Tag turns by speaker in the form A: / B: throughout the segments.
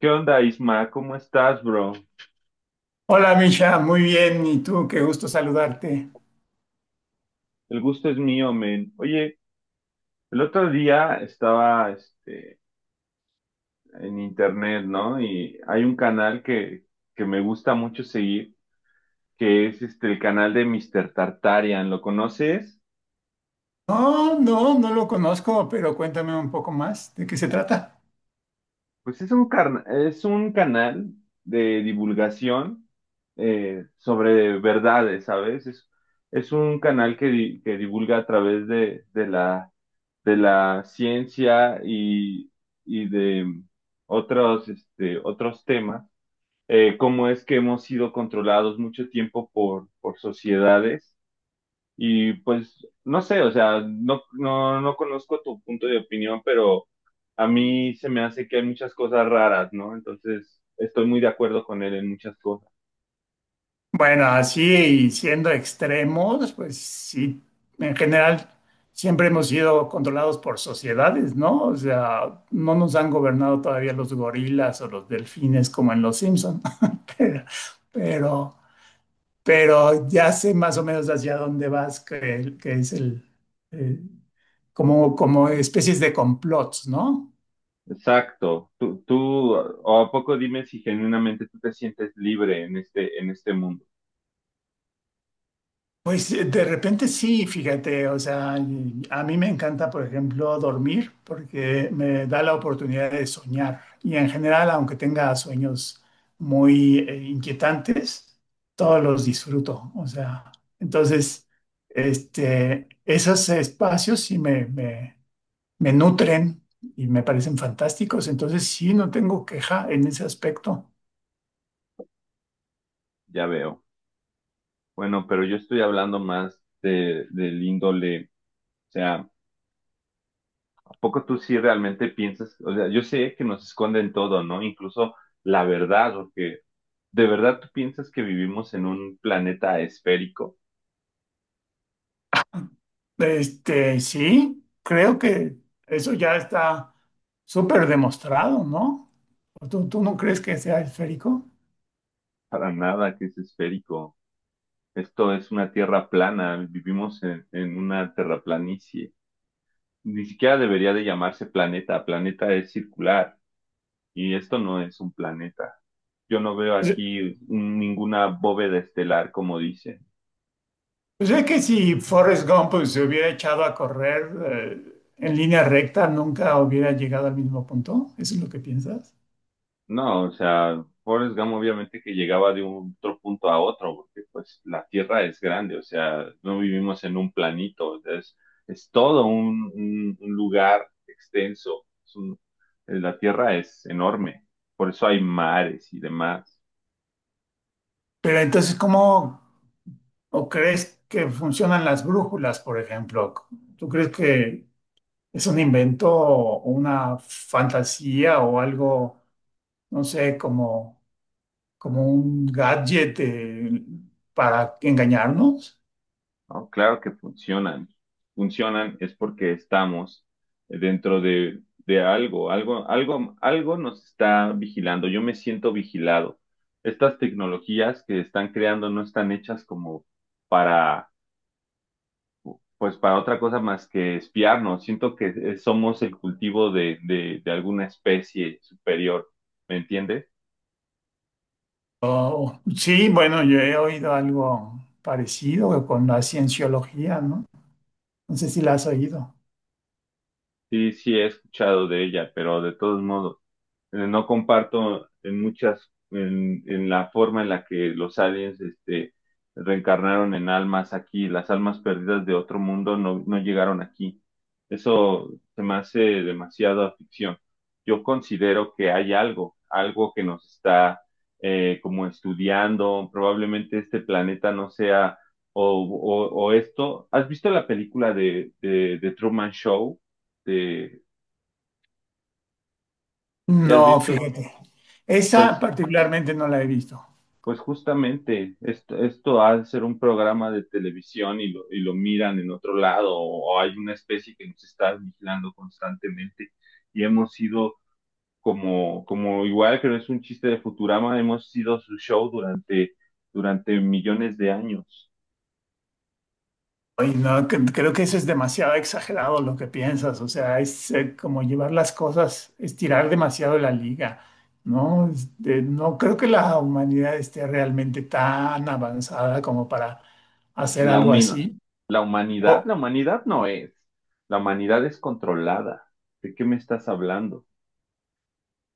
A: ¿Qué onda, Isma? ¿Cómo estás, bro?
B: Hola Misha, muy bien. ¿Y tú? Qué gusto saludarte.
A: El gusto es mío, men. Oye, el otro día estaba en internet, ¿no? Y hay un canal que me gusta mucho seguir, que es el canal de Mister Tartarian. ¿Lo conoces?
B: No, lo conozco, pero cuéntame un poco más de qué se trata.
A: Pues es es un canal de divulgación, sobre verdades, ¿sabes? Es un canal que divulga a través de la ciencia y de otros, otros temas, cómo es que hemos sido controlados mucho tiempo por sociedades. Y pues no sé, o sea, no conozco tu punto de opinión, pero a mí se me hace que hay muchas cosas raras, ¿no? Entonces, estoy muy de acuerdo con él en muchas cosas.
B: Bueno, así siendo extremos, pues sí, en general siempre hemos sido controlados por sociedades, ¿no? O sea, no nos han gobernado todavía los gorilas o los delfines como en Los Simpson, pero, pero, pero ya sé más o menos hacia dónde vas, que es eh, como, como especies de complots, ¿no?
A: Exacto. O a poco dime si genuinamente tú te sientes libre en en este mundo.
B: Pues de repente sí, fíjate, o sea, y a mí me encanta, por ejemplo, dormir porque me da la oportunidad de soñar. Y en general, aunque tenga sueños muy inquietantes, todos los disfruto. O sea, entonces, esos espacios sí me nutren y me parecen fantásticos. Entonces sí, no tengo queja en ese aspecto.
A: Ya veo. Bueno, pero yo estoy hablando más del índole, o sea, ¿a poco tú sí realmente piensas? O sea, yo sé que nos esconden todo, ¿no? Incluso la verdad, o que ¿de verdad tú piensas que vivimos en un planeta esférico?
B: Este, sí, creo que eso ya está súper demostrado, ¿no? ¿Tú no crees que sea esférico?
A: Para nada que es esférico. Esto es una tierra plana, vivimos en una terraplanicie. Ni siquiera debería de llamarse planeta, planeta es circular y esto no es un planeta. Yo no veo
B: Pues
A: aquí ninguna bóveda estelar como dicen.
B: pues es que si Forrest Gump pues, se hubiera echado a correr en línea recta, nunca hubiera llegado al mismo punto. ¿Eso es lo que piensas?
A: No, o sea, Forrest Gump obviamente que llegaba de un otro punto a otro, porque pues la Tierra es grande, o sea, no vivimos en un planito, o sea, es todo un lugar extenso, la Tierra es enorme, por eso hay mares y demás.
B: Pero entonces, ¿cómo o crees que funcionan las brújulas, por ejemplo? ¿Tú crees que es un invento o una fantasía o algo, no sé, como como un gadget para engañarnos.
A: No, claro que funcionan. Funcionan es porque estamos dentro de algo, algo nos está vigilando. Yo me siento vigilado. Estas tecnologías que están creando no están hechas como para, pues, para otra cosa más que espiarnos. Siento que somos el cultivo de alguna especie superior. ¿Me entiendes?
B: Sí, bueno, yo he oído algo parecido con la cienciología, ¿no? No sé si la has oído.
A: Sí, sí, he escuchado de ella, pero de todos modos. Eh, no comparto en en la forma en la que los aliens, reencarnaron en almas aquí, las almas perdidas de otro mundo no, no llegaron aquí. Eso se me hace demasiada ficción. Yo considero que hay algo, algo que nos está como estudiando, probablemente este planeta no sea o esto. ¿Has visto la película de Truman Show? De, ¿Sí has
B: No,
A: visto?
B: fíjate. Esa
A: Pues
B: particularmente no la he visto.
A: Pues justamente, esto ha de ser un programa de televisión y lo miran en otro lado, o hay una especie que nos está vigilando constantemente y hemos sido como igual creo que no es un chiste de Futurama, hemos sido su show durante millones de años.
B: Ay, no, creo que eso es demasiado exagerado lo que piensas, o sea, es como llevar las cosas, estirar demasiado la liga, ¿no? Este, no creo que la humanidad esté realmente tan avanzada como para hacer
A: La
B: algo
A: humina-
B: así, o,
A: la humanidad no es. La humanidad es controlada. ¿De qué me estás hablando?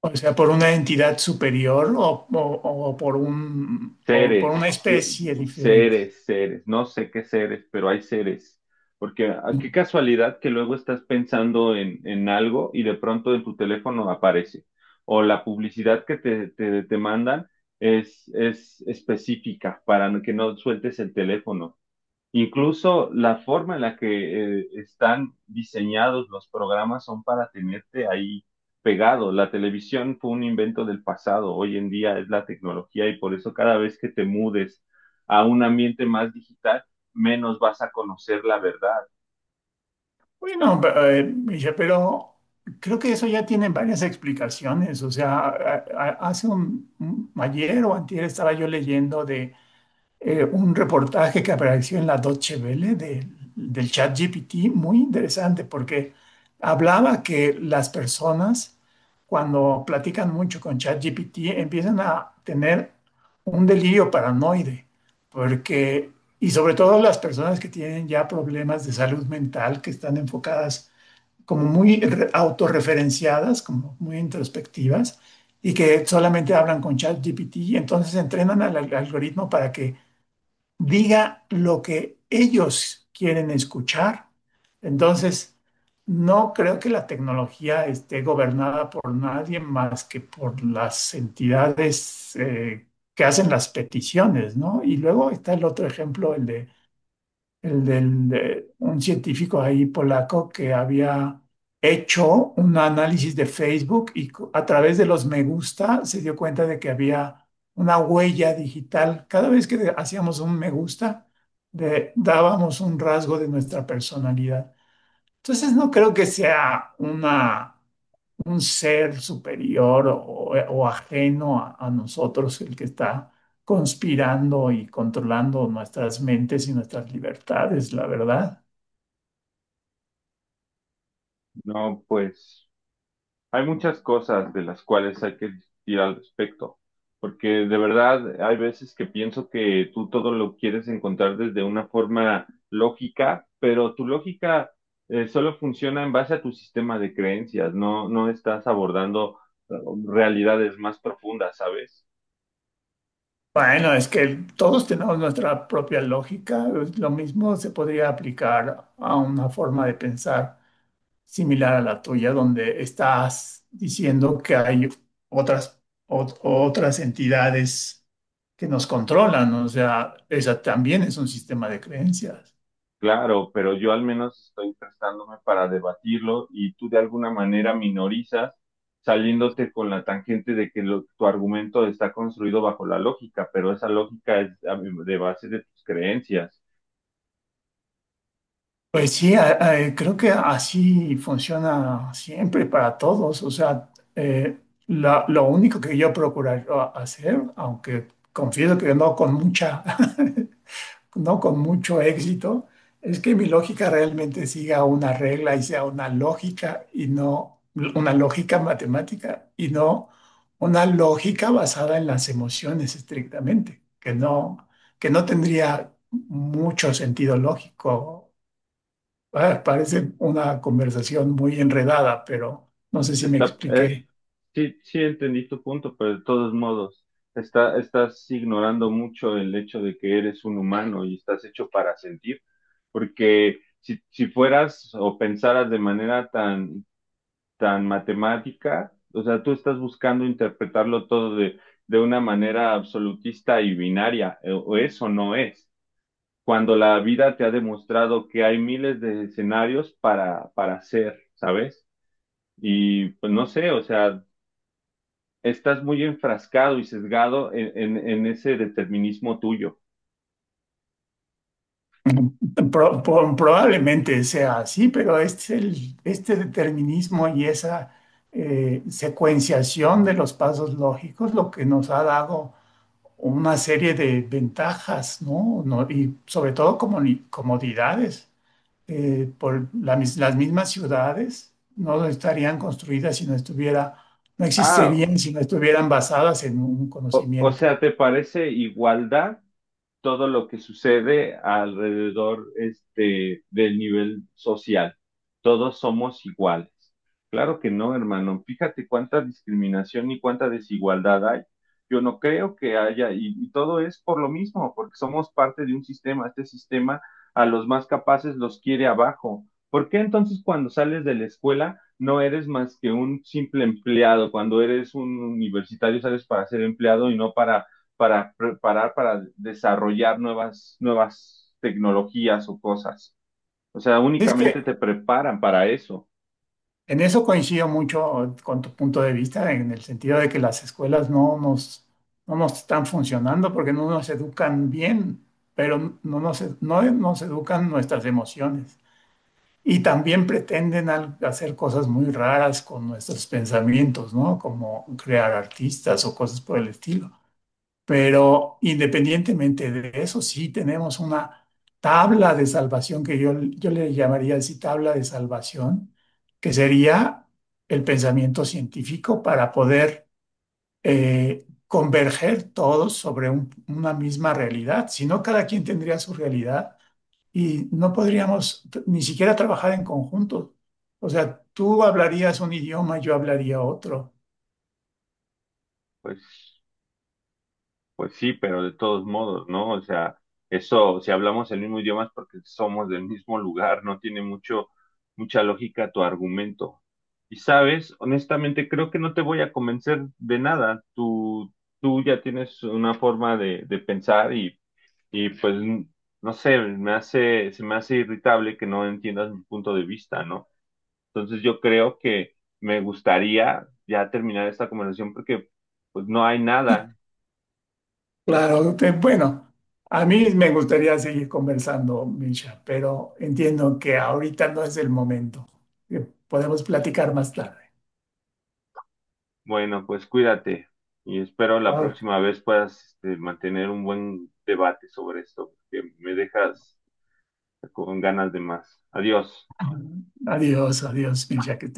B: o sea, por una entidad superior o por un, o por una
A: Seres, yo,
B: especie diferente.
A: seres, no sé qué seres, pero hay seres. Porque ah, qué casualidad que luego estás pensando en algo y de pronto en tu teléfono aparece. O la publicidad que te mandan es específica para que no sueltes el teléfono. Incluso la forma en la que están diseñados los programas son para tenerte ahí pegado. La televisión fue un invento del pasado, hoy en día es la tecnología y por eso cada vez que te mudes a un ambiente más digital, menos vas a conocer la verdad.
B: Bueno, a Misha, pero creo que eso ya tiene varias explicaciones. O sea, hace ayer o antier estaba yo leyendo de un reportaje que apareció en la Deutsche Welle del ChatGPT, muy interesante, porque hablaba que las personas, cuando platican mucho con ChatGPT, empiezan a tener un delirio paranoide, porque, y sobre todo las personas que tienen ya problemas de salud mental, que están enfocadas como muy autorreferenciadas, como muy introspectivas, y que solamente hablan con ChatGPT, y entonces entrenan al algoritmo para que diga lo que ellos quieren escuchar. Entonces, no creo que la tecnología esté gobernada por nadie más que por las entidades que hacen las peticiones, ¿no? Y luego está el otro ejemplo, el de el del, de un científico ahí polaco que había hecho un análisis de Facebook y a través de los me gusta se dio cuenta de que había una huella digital. Cada vez que hacíamos un me gusta, dábamos un rasgo de nuestra personalidad. Entonces no creo que sea una un ser superior o ajeno a nosotros el que está conspirando y controlando nuestras mentes y nuestras libertades, la verdad.
A: No, pues Hay muchas cosas de las cuales hay que discutir al respecto, porque de verdad hay veces que pienso que tú todo lo quieres encontrar desde una forma lógica, pero tu lógica solo funciona en base a tu sistema de creencias, no estás abordando eh, realidades más profundas, ¿sabes?
B: Bueno, es que todos tenemos nuestra propia lógica. Lo mismo se podría aplicar a una forma de pensar similar a la tuya, donde estás diciendo que hay otras, otras entidades que nos controlan. O sea, esa también es un sistema de creencias.
A: Claro, pero yo al menos estoy prestándome para debatirlo y tú de alguna manera minorizas saliéndote con la tangente de que tu argumento está construido bajo la lógica, pero esa lógica es de base de tus creencias.
B: Pues sí, creo que así funciona siempre para todos. O sea, eh, lo único que yo procuraría hacer, aunque confieso que no con mucha, no con mucho éxito, es que mi lógica realmente siga una regla y sea una lógica y no una lógica matemática y no una lógica basada en las emociones estrictamente, que no tendría mucho sentido lógico. Ah, parece una conversación muy enredada, pero no sé si me
A: Está, eh,
B: expliqué.
A: sí, sí entendí tu punto, pero de todos modos, estás ignorando mucho el hecho de que eres un humano y estás hecho para sentir, porque si fueras o pensaras de manera tan tan matemática, o sea, tú estás buscando interpretarlo todo de una manera absolutista y binaria, o es o no es, cuando la vida te ha demostrado que hay miles de escenarios para hacer, ¿sabes? Y pues no sé, o sea, estás muy enfrascado y sesgado en ese determinismo tuyo.
B: Probablemente sea así, pero este, este determinismo y esa secuenciación de los pasos lógicos lo que nos ha dado una serie de ventajas, ¿no? Y sobre todo comodidades. Por la las mismas ciudades no estarían construidas si no estuviera, no
A: Ah,
B: existirían si no estuvieran basadas en un
A: o
B: conocimiento.
A: sea, ¿te parece igualdad todo lo que sucede alrededor del nivel social. Todos somos iguales. Claro que no, hermano. Fíjate cuánta discriminación y cuánta desigualdad hay. Yo no creo que haya, y todo es por lo mismo, porque somos parte de un sistema. Este sistema a los más capaces los quiere abajo. ¿Por qué entonces cuando sales de la escuela no eres más que un simple empleado? Cuando eres un universitario sales para ser empleado y no para para preparar, para desarrollar nuevas tecnologías o cosas. O sea,
B: Es que
A: únicamente te preparan para eso.
B: en eso coincido mucho con tu punto de vista, en el sentido de que las escuelas no nos están funcionando porque no nos educan bien, pero no nos educan nuestras emociones. Y también pretenden hacer cosas muy raras con nuestros pensamientos, ¿no? Como crear artistas o cosas por el estilo. Pero independientemente de eso, sí tenemos una tabla de salvación que yo le llamaría así tabla de salvación, que sería el pensamiento científico para poder converger todos sobre una misma realidad. Si no, cada quien tendría su realidad y no podríamos ni siquiera trabajar en conjunto. O sea, tú hablarías un idioma, yo hablaría otro.
A: Pues, pues sí, pero de todos modos, ¿no? O sea, eso, si hablamos el mismo idioma es porque somos del mismo lugar, no tiene mucha lógica tu argumento. Y sabes, honestamente, creo que no te voy a convencer de nada. Tú ya tienes una forma de pensar y Y pues, no sé, me hace, se me hace irritable que no entiendas mi punto de vista, ¿no? Entonces yo creo que me gustaría ya terminar esta conversación porque pues no hay nada.
B: Claro, bueno, a mí me gustaría seguir conversando, Misha, pero entiendo que ahorita no es el momento. Podemos platicar más tarde.
A: Bueno, pues cuídate y espero la
B: Vale.
A: próxima vez puedas este, mantener un buen debate sobre esto, porque me dejas con ganas de más. Adiós.
B: Adiós, adiós, Misha, que estés